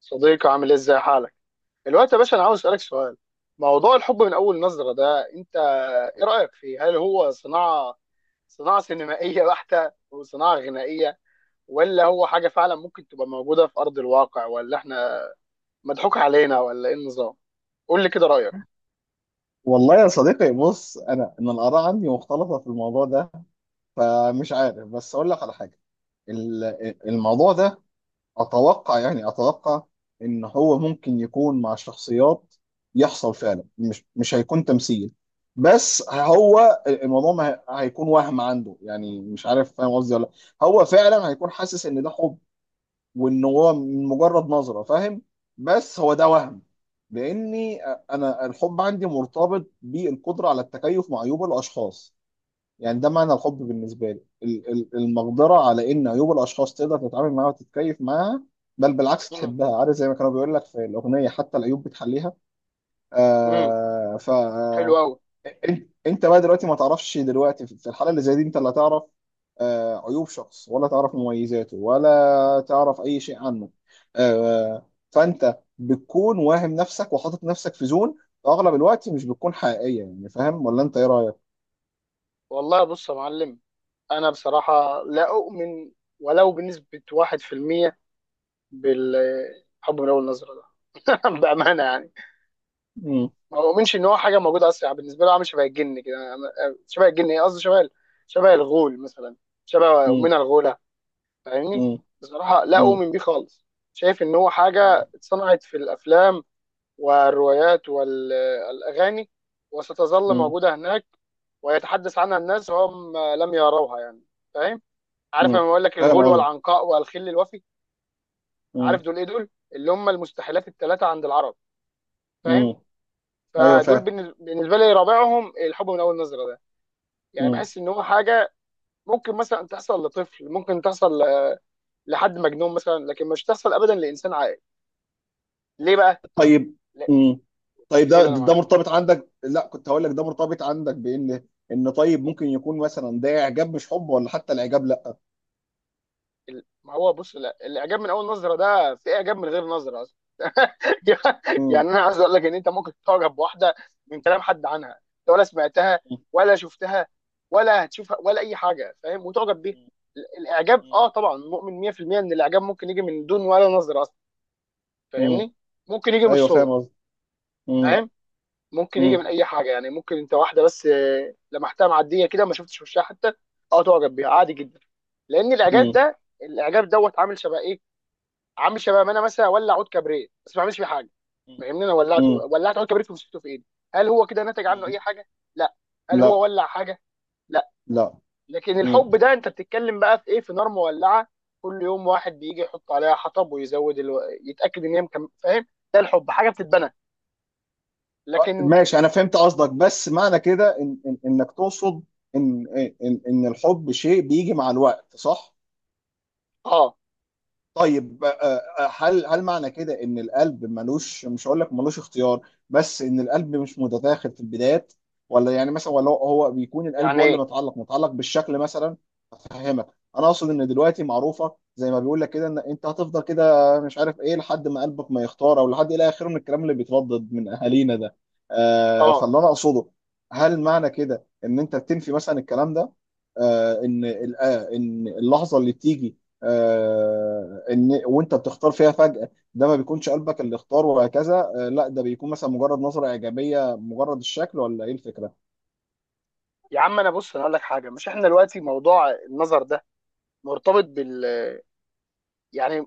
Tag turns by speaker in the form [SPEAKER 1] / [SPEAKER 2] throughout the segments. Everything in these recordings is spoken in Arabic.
[SPEAKER 1] صديقي عامل ايه؟ ازاي حالك دلوقتي يا باشا؟ انا عاوز اسالك سؤال. موضوع الحب من اول نظره ده، انت ايه رايك فيه؟ هل هو صناعه صناعه سينمائيه بحته وصناعه غنائيه، ولا هو حاجه فعلا ممكن تبقى موجوده في ارض الواقع، ولا احنا مضحوك علينا ولا ايه النظام؟ قول لي كده رايك.
[SPEAKER 2] والله يا صديقي بص، انا ان الاراء عندي مختلطه في الموضوع ده، فمش عارف بس اقول لك على حاجه. الموضوع ده اتوقع، يعني ان هو ممكن يكون مع شخصيات يحصل فعلا. مش هيكون تمثيل، بس هو الموضوع ما هي- هيكون وهم عنده. يعني مش عارف فاهم قصدي ولا لأ. هو فعلا هيكون حاسس ان ده حب، وان هو من مجرد نظره فاهم. بس هو ده وهم، لاني انا الحب عندي مرتبط بالقدره على التكيف مع عيوب الاشخاص. يعني ده معنى الحب بالنسبه لي، المقدره على ان عيوب الاشخاص تقدر تتعامل معاها وتتكيف معاها، بل بالعكس
[SPEAKER 1] امم.
[SPEAKER 2] تحبها. عارف زي ما كانوا بيقول لك في الاغنيه، حتى العيوب بتحليها.
[SPEAKER 1] امم.
[SPEAKER 2] آه ف
[SPEAKER 1] حلو قوي.
[SPEAKER 2] انت بقى دلوقتي ما تعرفش. دلوقتي في الحاله اللي زي دي انت لا تعرف عيوب شخص، ولا تعرف مميزاته، ولا تعرف اي شيء عنه. فانت بتكون واهم نفسك وحاطط نفسك في زون اغلب الوقت مش بتكون حقيقيه. يعني فاهم ولا انت ايه رايك؟
[SPEAKER 1] والله بص يا معلم، انا بصراحه لا اؤمن ولو بنسبه 1% بالحب من اول نظره ده. بامانه يعني،
[SPEAKER 2] مم،
[SPEAKER 1] ما بؤمنش ان هو حاجه موجوده اصلا. يعني بالنسبه له عامل شبه الجن كده، شبه الجن، ايه قصدي، شبه شبه الغول مثلا، شبه
[SPEAKER 2] مم،
[SPEAKER 1] امنا الغوله. فاهمني؟
[SPEAKER 2] مم،
[SPEAKER 1] بصراحه لا
[SPEAKER 2] مم،
[SPEAKER 1] اؤمن بيه خالص. شايف ان هو
[SPEAKER 2] مم،
[SPEAKER 1] حاجه اتصنعت في الافلام والروايات والاغاني، وستظل
[SPEAKER 2] مم،
[SPEAKER 1] موجوده هناك ويتحدث عنها الناس وهم لم يروها. يعني فاهم؟ عارف
[SPEAKER 2] مم.
[SPEAKER 1] لما بقول لك
[SPEAKER 2] فاهم
[SPEAKER 1] الغول
[SPEAKER 2] قصدي؟
[SPEAKER 1] والعنقاء والخل الوفي،
[SPEAKER 2] مم.
[SPEAKER 1] عارف دول ايه؟ دول اللي هم المستحيلات الثلاثه عند العرب. فاهم؟
[SPEAKER 2] مم. ايوه
[SPEAKER 1] فدول
[SPEAKER 2] فاهم.
[SPEAKER 1] بالنسبه لي رابعهم الحب من اول نظره ده. يعني بحس ان هو حاجه ممكن مثلا تحصل لطفل، ممكن تحصل لحد مجنون مثلا، لكن مش تحصل ابدا لانسان عاقل. ليه بقى؟
[SPEAKER 2] طيب.
[SPEAKER 1] لا،
[SPEAKER 2] مم. طيب ده
[SPEAKER 1] قول انا
[SPEAKER 2] ده
[SPEAKER 1] معاك.
[SPEAKER 2] مرتبط عندك. لا، كنت هقول لك ده مرتبط عندك بان، ان طيب ممكن يكون مثلا ده اعجاب مش حب، ولا حتى الاعجاب لا.
[SPEAKER 1] ما هو بص، لا، الاعجاب من اول نظره ده، في اعجاب من غير نظره اصلا.
[SPEAKER 2] مم.
[SPEAKER 1] يعني انا عايز اقول لك ان انت ممكن تعجب بواحده من كلام حد عنها، انت ولا سمعتها
[SPEAKER 2] مم.
[SPEAKER 1] ولا شفتها ولا هتشوفها ولا اي حاجه، فاهم؟ وتعجب بيها. الاعجاب،
[SPEAKER 2] مم.
[SPEAKER 1] اه، طبعا مؤمن 100% ان الاعجاب ممكن يجي من دون ولا نظره اصلا.
[SPEAKER 2] مم.
[SPEAKER 1] فاهمني؟ ممكن يجي من
[SPEAKER 2] ايوه فاهم
[SPEAKER 1] الصوت.
[SPEAKER 2] قصدي. مم.
[SPEAKER 1] فاهم؟ ممكن يجي
[SPEAKER 2] مم.
[SPEAKER 1] من اي حاجه. يعني ممكن انت واحده بس لمحتها معديه كده، ما شفتش وشها حتى، اه، تعجب بيها عادي جدا. لان الاعجاب
[SPEAKER 2] مم.
[SPEAKER 1] ده، الاعجاب دوت، عامل شبه ايه؟ عامل شبه ما انا مثلا اولع عود كبريت بس ما بعملش فيه حاجه. فاهمني؟ انا ولعته،
[SPEAKER 2] مم.
[SPEAKER 1] ولعت عود كبريت ومسكته في ايدي، هل هو كده نتج عنه
[SPEAKER 2] مم.
[SPEAKER 1] اي حاجه؟ لا. هل هو
[SPEAKER 2] لا
[SPEAKER 1] ولع حاجه؟ لا.
[SPEAKER 2] لا.
[SPEAKER 1] لكن
[SPEAKER 2] مم.
[SPEAKER 1] الحب ده انت بتتكلم بقى في ايه، في نار مولعه، كل يوم واحد بيجي يحط عليها حطب ويزود يتاكد ان هي فاهم؟ ده الحب حاجه بتتبنى. لكن
[SPEAKER 2] ماشي، انا فهمت قصدك. بس معنى كده إن انك تقصد ان ان الحب شيء بيجي مع الوقت، صح؟
[SPEAKER 1] اه.
[SPEAKER 2] طيب. هل معنى كده ان القلب ملوش، مش هقول لك ملوش اختيار، بس ان القلب مش متداخل في البدايات؟ ولا يعني مثلا، ولا هو بيكون القلب
[SPEAKER 1] يعني
[SPEAKER 2] هو اللي
[SPEAKER 1] ايه؟
[SPEAKER 2] متعلق بالشكل مثلا؟ افهمك. انا اقصد ان دلوقتي معروفه، زي ما بيقول لك كده، ان انت هتفضل كده مش عارف ايه لحد ما قلبك ما يختار، او لحد الى اخره من الكلام اللي بيتردد من اهالينا ده.
[SPEAKER 1] اه.
[SPEAKER 2] فاللي انا اقصده، هل معنى كده ان انت بتنفي مثلا الكلام ده؟ ان اللحظه اللي بتيجي ان وانت بتختار فيها فجأة، ده ما بيكونش قلبك اللي اختار وهكذا؟ لا، ده بيكون مثلا مجرد نظرة إيجابية، مجرد الشكل، ولا ايه الفكرة؟
[SPEAKER 1] يا عم انا بص، انا اقول لك حاجه، مش احنا دلوقتي موضوع النظر ده مرتبط بال، يعني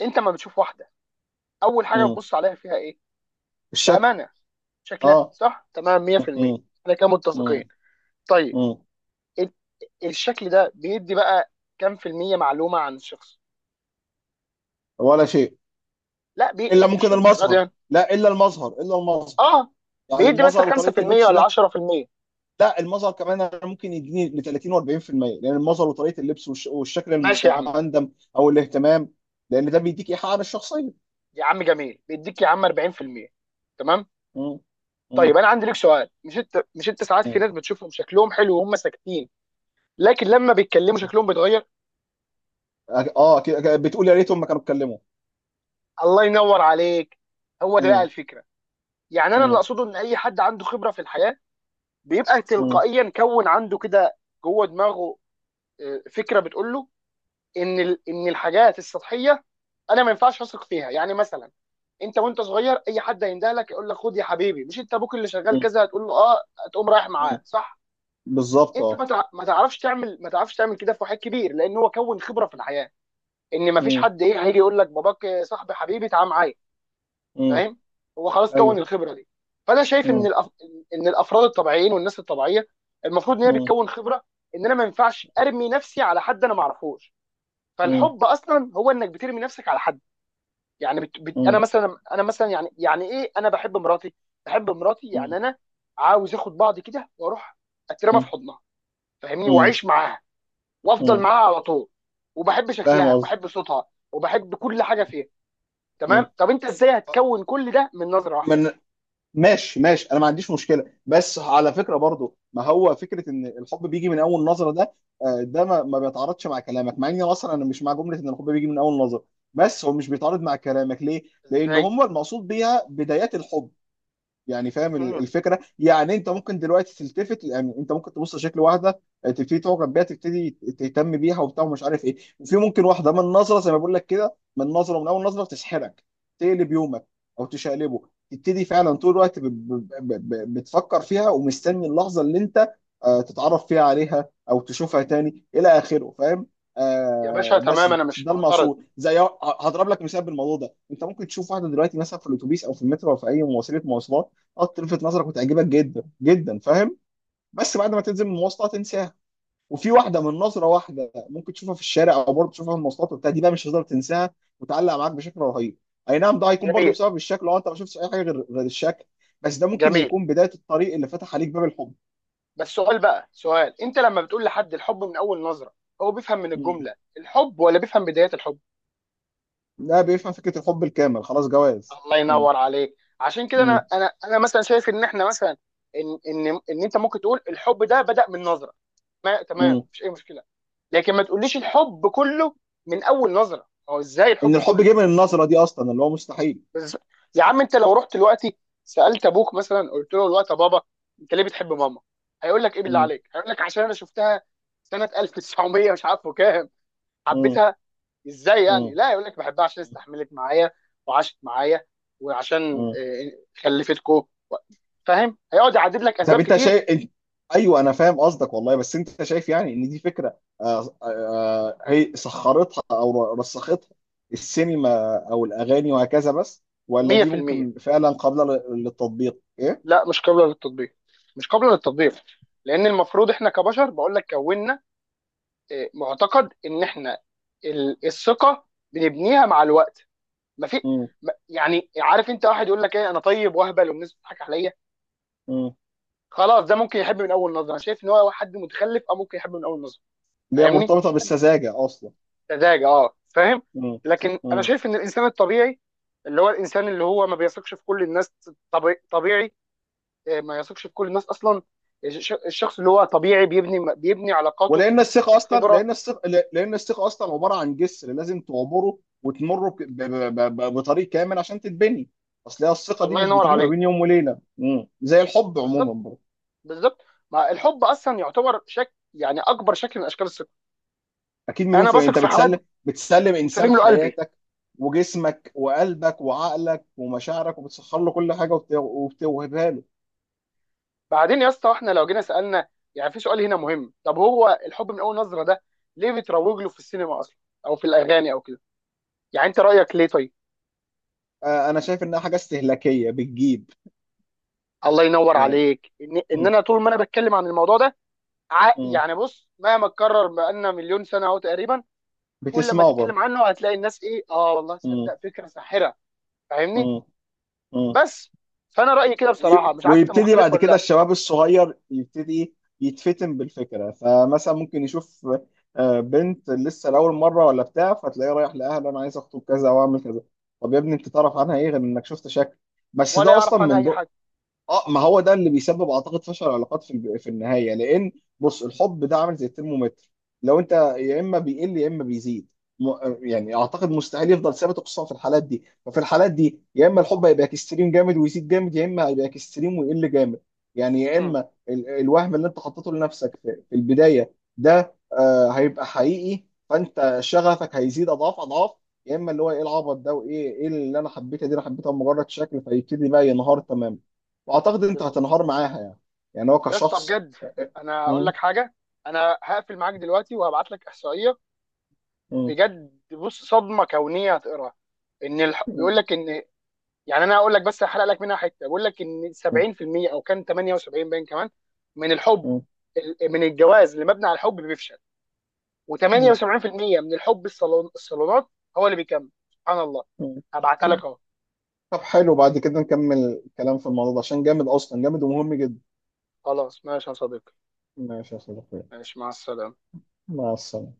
[SPEAKER 1] انت ما بتشوف واحده اول حاجه
[SPEAKER 2] مم.
[SPEAKER 1] بتبص عليها فيها ايه؟
[SPEAKER 2] الشكل.
[SPEAKER 1] بامانه شكلها
[SPEAKER 2] اه.
[SPEAKER 1] صح تمام
[SPEAKER 2] مم.
[SPEAKER 1] 100%. احنا كده
[SPEAKER 2] مم.
[SPEAKER 1] متفقين؟ طيب.
[SPEAKER 2] مم.
[SPEAKER 1] ال- الشكل ده بيدي بقى كام في المية معلومه عن الشخص؟
[SPEAKER 2] ولا شيء،
[SPEAKER 1] لا
[SPEAKER 2] الا
[SPEAKER 1] يعني مش
[SPEAKER 2] ممكن
[SPEAKER 1] للدرجه دي
[SPEAKER 2] المظهر.
[SPEAKER 1] يعني،
[SPEAKER 2] لا، الا المظهر، الا المظهر.
[SPEAKER 1] اه،
[SPEAKER 2] يعني
[SPEAKER 1] بيدي مثلا
[SPEAKER 2] المظهر وطريقة
[SPEAKER 1] 5%
[SPEAKER 2] اللبس
[SPEAKER 1] ولا
[SPEAKER 2] ده.
[SPEAKER 1] 10%.
[SPEAKER 2] لا، المظهر كمان أنا ممكن يديني ل 30 و40%، لان المظهر وطريقة اللبس والشكل
[SPEAKER 1] ماشي يا عم.
[SPEAKER 2] المهندم او الاهتمام، لان ده بيديك ايحاء عن الشخصية.
[SPEAKER 1] يا عم جميل، بيديك يا عم 40%، تمام.
[SPEAKER 2] مم.
[SPEAKER 1] طيب انا عندي لك سؤال، مش انت ساعات في
[SPEAKER 2] مم.
[SPEAKER 1] ناس بتشوفهم شكلهم حلو وهم ساكتين، لكن لما بيتكلموا شكلهم بيتغير؟
[SPEAKER 2] أكيد بتقول يا ريتهم ما كانوا اتكلموا.
[SPEAKER 1] الله ينور عليك. هو ده بقى
[SPEAKER 2] مم.
[SPEAKER 1] الفكره. يعني انا اللي
[SPEAKER 2] مم.
[SPEAKER 1] اقصده ان اي حد عنده خبره في الحياه، بيبقى
[SPEAKER 2] مم.
[SPEAKER 1] تلقائيا كون عنده كده جوه دماغه فكره بتقول له ان ان الحاجات السطحيه انا ما ينفعش اثق فيها. يعني مثلا انت وانت صغير، اي حد هينده لك يقول لك خد يا حبيبي، مش انت ابوك اللي شغال
[SPEAKER 2] مم.
[SPEAKER 1] كذا، هتقول له اه، هتقوم رايح
[SPEAKER 2] مم.
[SPEAKER 1] معاه، صح؟
[SPEAKER 2] بالظبط،
[SPEAKER 1] انت
[SPEAKER 2] اه.
[SPEAKER 1] ما تعرفش تعمل، ما تعرفش تعمل كده في واحد كبير، لان هو كون خبره في الحياه ان ما فيش
[SPEAKER 2] مم.
[SPEAKER 1] حد ايه هيجي يقول لك باباك صاحبي حبيبي تعال معايا.
[SPEAKER 2] مم.
[SPEAKER 1] فاهم؟ هو خلاص كون
[SPEAKER 2] ايوه.
[SPEAKER 1] الخبره دي. فانا شايف ان
[SPEAKER 2] مم.
[SPEAKER 1] ان الافراد الطبيعيين والناس الطبيعيه المفروض ان هي
[SPEAKER 2] مم.
[SPEAKER 1] بتكون خبره ان انا ما ينفعش ارمي نفسي على حد انا ما اعرفوش.
[SPEAKER 2] مم.
[SPEAKER 1] فالحب اصلا هو انك بترمي نفسك على حد. يعني انا
[SPEAKER 2] مم.
[SPEAKER 1] مثلا، انا مثلا، يعني يعني ايه، انا بحب مراتي. بحب مراتي يعني
[SPEAKER 2] مم.
[SPEAKER 1] انا عاوز اخد بعضي كده واروح اترمى في
[SPEAKER 2] مم.
[SPEAKER 1] حضنها. فاهمني؟
[SPEAKER 2] مم.
[SPEAKER 1] واعيش معاها وافضل
[SPEAKER 2] مم.
[SPEAKER 1] معاها على طول، وبحب
[SPEAKER 2] فاهم
[SPEAKER 1] شكلها
[SPEAKER 2] قصدي.
[SPEAKER 1] وبحب صوتها وبحب كل حاجه فيها.
[SPEAKER 2] مم.
[SPEAKER 1] تمام؟ طب انت ازاي هتكون كل ده من نظره واحده؟
[SPEAKER 2] من، ماشي ماشي، انا ما عنديش مشكله. بس على فكره برضو، ما هو فكره ان الحب بيجي من اول نظره ده، ده ما بيتعارضش مع كلامك، مع اني اصلا انا مش مع جمله ان الحب بيجي من اول نظره. بس هو مش بيتعارض مع كلامك ليه؟ لان
[SPEAKER 1] ازاي؟
[SPEAKER 2] هم المقصود بيها بدايات الحب. يعني فاهم
[SPEAKER 1] مم.
[SPEAKER 2] الفكره. يعني انت ممكن دلوقتي تلتفت، يعني انت ممكن تبص لشكل واحده، تبتدي تعجب بيها، تبتدي تهتم بيها وبتاع ومش عارف ايه. وفي ممكن واحده من نظره، زي ما بقول لك كده، من نظره، من اول نظره تسحرك، تقلب يومك او تشقلبه، تبتدي فعلا طول الوقت بتفكر فيها ومستني اللحظه اللي انت تتعرف فيها عليها او تشوفها تاني الى اخره، فاهم؟
[SPEAKER 1] يا باشا
[SPEAKER 2] آه بس
[SPEAKER 1] تمام، انا مش
[SPEAKER 2] ده
[SPEAKER 1] معترض.
[SPEAKER 2] المقصود. زي، هضرب لك مثال بالموضوع ده. انت ممكن تشوف واحده دلوقتي مثلا في الاتوبيس او في المترو او في اي مواصلات، اه، تلفت نظرك وتعجبك جدا جدا، فاهم؟ بس بعد ما تنزل من المواصله تنساها. وفي واحده من نظره واحده ممكن تشوفها في الشارع او برضه تشوفها في المواصلات وبتاع، دي بقى مش هتقدر تنساها، وتعلق معاك بشكل رهيب. اي نعم، ده هيكون برضه
[SPEAKER 1] جميل.
[SPEAKER 2] بسبب الشكل، لو انت ما شفتش اي حاجه غير الشكل، بس ده ممكن
[SPEAKER 1] جميل.
[SPEAKER 2] يكون بدايه الطريق اللي فتح عليك باب الحب.
[SPEAKER 1] بس سؤال بقى، سؤال، انت لما بتقول لحد الحب من اول نظره، هو بيفهم من
[SPEAKER 2] مم.
[SPEAKER 1] الجمله الحب، ولا بيفهم بدايه الحب؟
[SPEAKER 2] ده بيفهم فكره الحب الكامل خلاص، جواز.
[SPEAKER 1] الله
[SPEAKER 2] مم.
[SPEAKER 1] ينور عليك. عشان كده انا،
[SPEAKER 2] مم.
[SPEAKER 1] انا مثلا شايف ان احنا مثلا ان ان انت ممكن تقول الحب ده بدأ من نظره، ما تمام
[SPEAKER 2] مم.
[SPEAKER 1] مفيش اي مشكله، لكن ما تقوليش الحب كله من اول نظره. هو ازاي
[SPEAKER 2] ان
[SPEAKER 1] الحب
[SPEAKER 2] الحب
[SPEAKER 1] كله؟
[SPEAKER 2] جه من النظره دي اصلا، اللي هو مستحيل.
[SPEAKER 1] بس يا عم، انت لو رحت دلوقتي سالت ابوك مثلا، قلت له دلوقتي يا بابا انت ليه بتحب ماما؟ هيقول لك ايه بالله
[SPEAKER 2] مم.
[SPEAKER 1] عليك؟ هيقول لك عشان انا شفتها سنه 1900 مش عارفه كام
[SPEAKER 2] مم.
[SPEAKER 1] حبيتها. ازاي
[SPEAKER 2] مم.
[SPEAKER 1] يعني؟ لا، يقول لك بحبها عشان استحملت معايا وعاشت معايا وعشان
[SPEAKER 2] مم.
[SPEAKER 1] خلفتكو. فاهم؟ هيقعد يعدد لك
[SPEAKER 2] طب
[SPEAKER 1] اسباب
[SPEAKER 2] انت
[SPEAKER 1] كتير.
[SPEAKER 2] شايف، انت... ايوه انا فاهم قصدك والله. بس انت شايف يعني ان دي فكره هي سخرتها او رسختها السينما او الاغاني وهكذا بس، ولا دي
[SPEAKER 1] 100%.
[SPEAKER 2] ممكن فعلا قابله للتطبيق ايه؟
[SPEAKER 1] لا مش قابله للتطبيق، مش قابله للتطبيق. لان المفروض احنا كبشر، بقول لك كوننا معتقد ان احنا الثقه بنبنيها مع الوقت. ما في
[SPEAKER 2] امم.
[SPEAKER 1] يعني عارف انت، واحد يقول لك ايه، انا طيب واهبل والناس بتضحك عليا،
[SPEAKER 2] امم.
[SPEAKER 1] خلاص ده ممكن يحب من اول نظره. انا شايف ان هو حد متخلف او ممكن يحب من اول نظره.
[SPEAKER 2] اللي هي
[SPEAKER 1] فاهمني؟
[SPEAKER 2] مرتبطه بالسذاجه اصلا.
[SPEAKER 1] سذاجه، اه فاهم.
[SPEAKER 2] امم.
[SPEAKER 1] لكن انا
[SPEAKER 2] امم.
[SPEAKER 1] شايف ان الانسان الطبيعي، اللي هو الانسان اللي هو ما بيثقش في كل الناس، طبيعي ما يثقش في كل الناس اصلا. الشخص اللي هو طبيعي بيبني علاقاته.
[SPEAKER 2] ولان الثقه اصلا،
[SPEAKER 1] الخبره.
[SPEAKER 2] لان الثقه، لان الثقه اصلا عباره عن جسر لازم تعبره وتمره بطريق كامل عشان تتبني. اصل هي الثقه دي
[SPEAKER 1] الله
[SPEAKER 2] مش
[SPEAKER 1] ينور
[SPEAKER 2] بتيجي ما
[SPEAKER 1] عليك.
[SPEAKER 2] بين يوم وليله، امم، زي الحب عموما
[SPEAKER 1] بالظبط.
[SPEAKER 2] برضه.
[SPEAKER 1] بالظبط. ما الحب اصلا يعتبر شكل، يعني اكبر شكل من اشكال الثقه.
[SPEAKER 2] اكيد، مليون
[SPEAKER 1] انا
[SPEAKER 2] في
[SPEAKER 1] بثق
[SPEAKER 2] انت
[SPEAKER 1] في حد
[SPEAKER 2] بتسلم، بتسلم انسان
[SPEAKER 1] وسلم له قلبي.
[SPEAKER 2] حياتك وجسمك وقلبك وعقلك ومشاعرك، وبتسخر له كل حاجه وبتوهبها له.
[SPEAKER 1] بعدين يا اسطى، احنا لو جينا سالنا، يعني في سؤال هنا مهم، طب هو الحب من اول نظره ده ليه بتروج له في السينما اصلا او في الاغاني او كده؟ يعني انت رايك ليه؟ طيب
[SPEAKER 2] انا شايف انها حاجه استهلاكيه بتجيب
[SPEAKER 1] الله ينور
[SPEAKER 2] يعني.
[SPEAKER 1] عليك. ان، إن
[SPEAKER 2] م-
[SPEAKER 1] انا طول ما انا بتكلم عن الموضوع ده
[SPEAKER 2] م.
[SPEAKER 1] يعني بص مهما اتكرر بقالنا مليون سنه اهو تقريبا، كل ما
[SPEAKER 2] بتسمعه برضه.
[SPEAKER 1] تتكلم عنه هتلاقي الناس ايه، اه والله
[SPEAKER 2] م-
[SPEAKER 1] تصدق فكره ساحره. فاهمني؟
[SPEAKER 2] م- م.
[SPEAKER 1] بس. فانا رايي كده بصراحه، مش عارف انت
[SPEAKER 2] ويبتدي
[SPEAKER 1] مختلف
[SPEAKER 2] بعد
[SPEAKER 1] ولا
[SPEAKER 2] كده
[SPEAKER 1] لا.
[SPEAKER 2] الشباب الصغير، يبتدي يتفتن بالفكرة. فمثلا ممكن يشوف بنت لسه لأول مرة ولا بتاع، فتلاقيه رايح لأهله: أنا عايز أخطب كذا، أو أعمل كذا. طب يا ابني أنت تعرف عنها إيه غير إنك شفت شكل، بس
[SPEAKER 1] ولا
[SPEAKER 2] ده أصلا
[SPEAKER 1] يعرف عنها
[SPEAKER 2] من...
[SPEAKER 1] اي حاجه.
[SPEAKER 2] اه، ما هو ده اللي بيسبب، اعتقد، فشل العلاقات في في النهايه. لان، بص، الحب ده عامل زي الترمومتر. لو انت، يا اما بيقل يا اما بيزيد، م، يعني اعتقد مستحيل يفضل ثابت، خصوصا في الحالات دي. ففي الحالات دي يا اما الحب هيبقى اكستريم جامد ويزيد جامد، يا اما هيبقى اكستريم ويقل جامد. يعني يا
[SPEAKER 1] مم.
[SPEAKER 2] اما ال الوهم اللي انت حطيته لنفسك في البدايه ده آه هيبقى حقيقي، فانت شغفك هيزيد اضعاف اضعاف. يا اما اللي هو ايه العبط ده، وايه، اللي انا حبيتها دي، انا حبيتها مجرد شكل، فيبتدي بقى ينهار تماما، واعتقد انت
[SPEAKER 1] بالظبط.
[SPEAKER 2] هتنهار معاها يعني، يعني هو
[SPEAKER 1] يا اسطى
[SPEAKER 2] كشخص.
[SPEAKER 1] بجد، انا اقول
[SPEAKER 2] مم.
[SPEAKER 1] لك حاجه، انا هقفل معاك دلوقتي وهبعت لك احصائيه،
[SPEAKER 2] مم.
[SPEAKER 1] بجد بص صدمه كونيه هتقراها. ان بيقول
[SPEAKER 2] مم.
[SPEAKER 1] لك ان، يعني انا هقول لك بس هحرق لك منها حته، بيقول لك ان
[SPEAKER 2] مم.
[SPEAKER 1] 70% او كان 78 باين كمان من الحب من الجواز اللي مبني على الحب بيفشل. و78%
[SPEAKER 2] مم.
[SPEAKER 1] من الحب الصالون، الصالونات، هو اللي بيكمل، سبحان الله.
[SPEAKER 2] مم.
[SPEAKER 1] هبعتها
[SPEAKER 2] مم.
[SPEAKER 1] لك اهو.
[SPEAKER 2] طب حلو، بعد كده نكمل الكلام في الموضوع ده، عشان جامد اصلا، جامد ومهم جدا.
[SPEAKER 1] خلاص ماشي يا صديقي.
[SPEAKER 2] ماشي يا صديقي.
[SPEAKER 1] ماشي مع السلامه.
[SPEAKER 2] مع السلامة.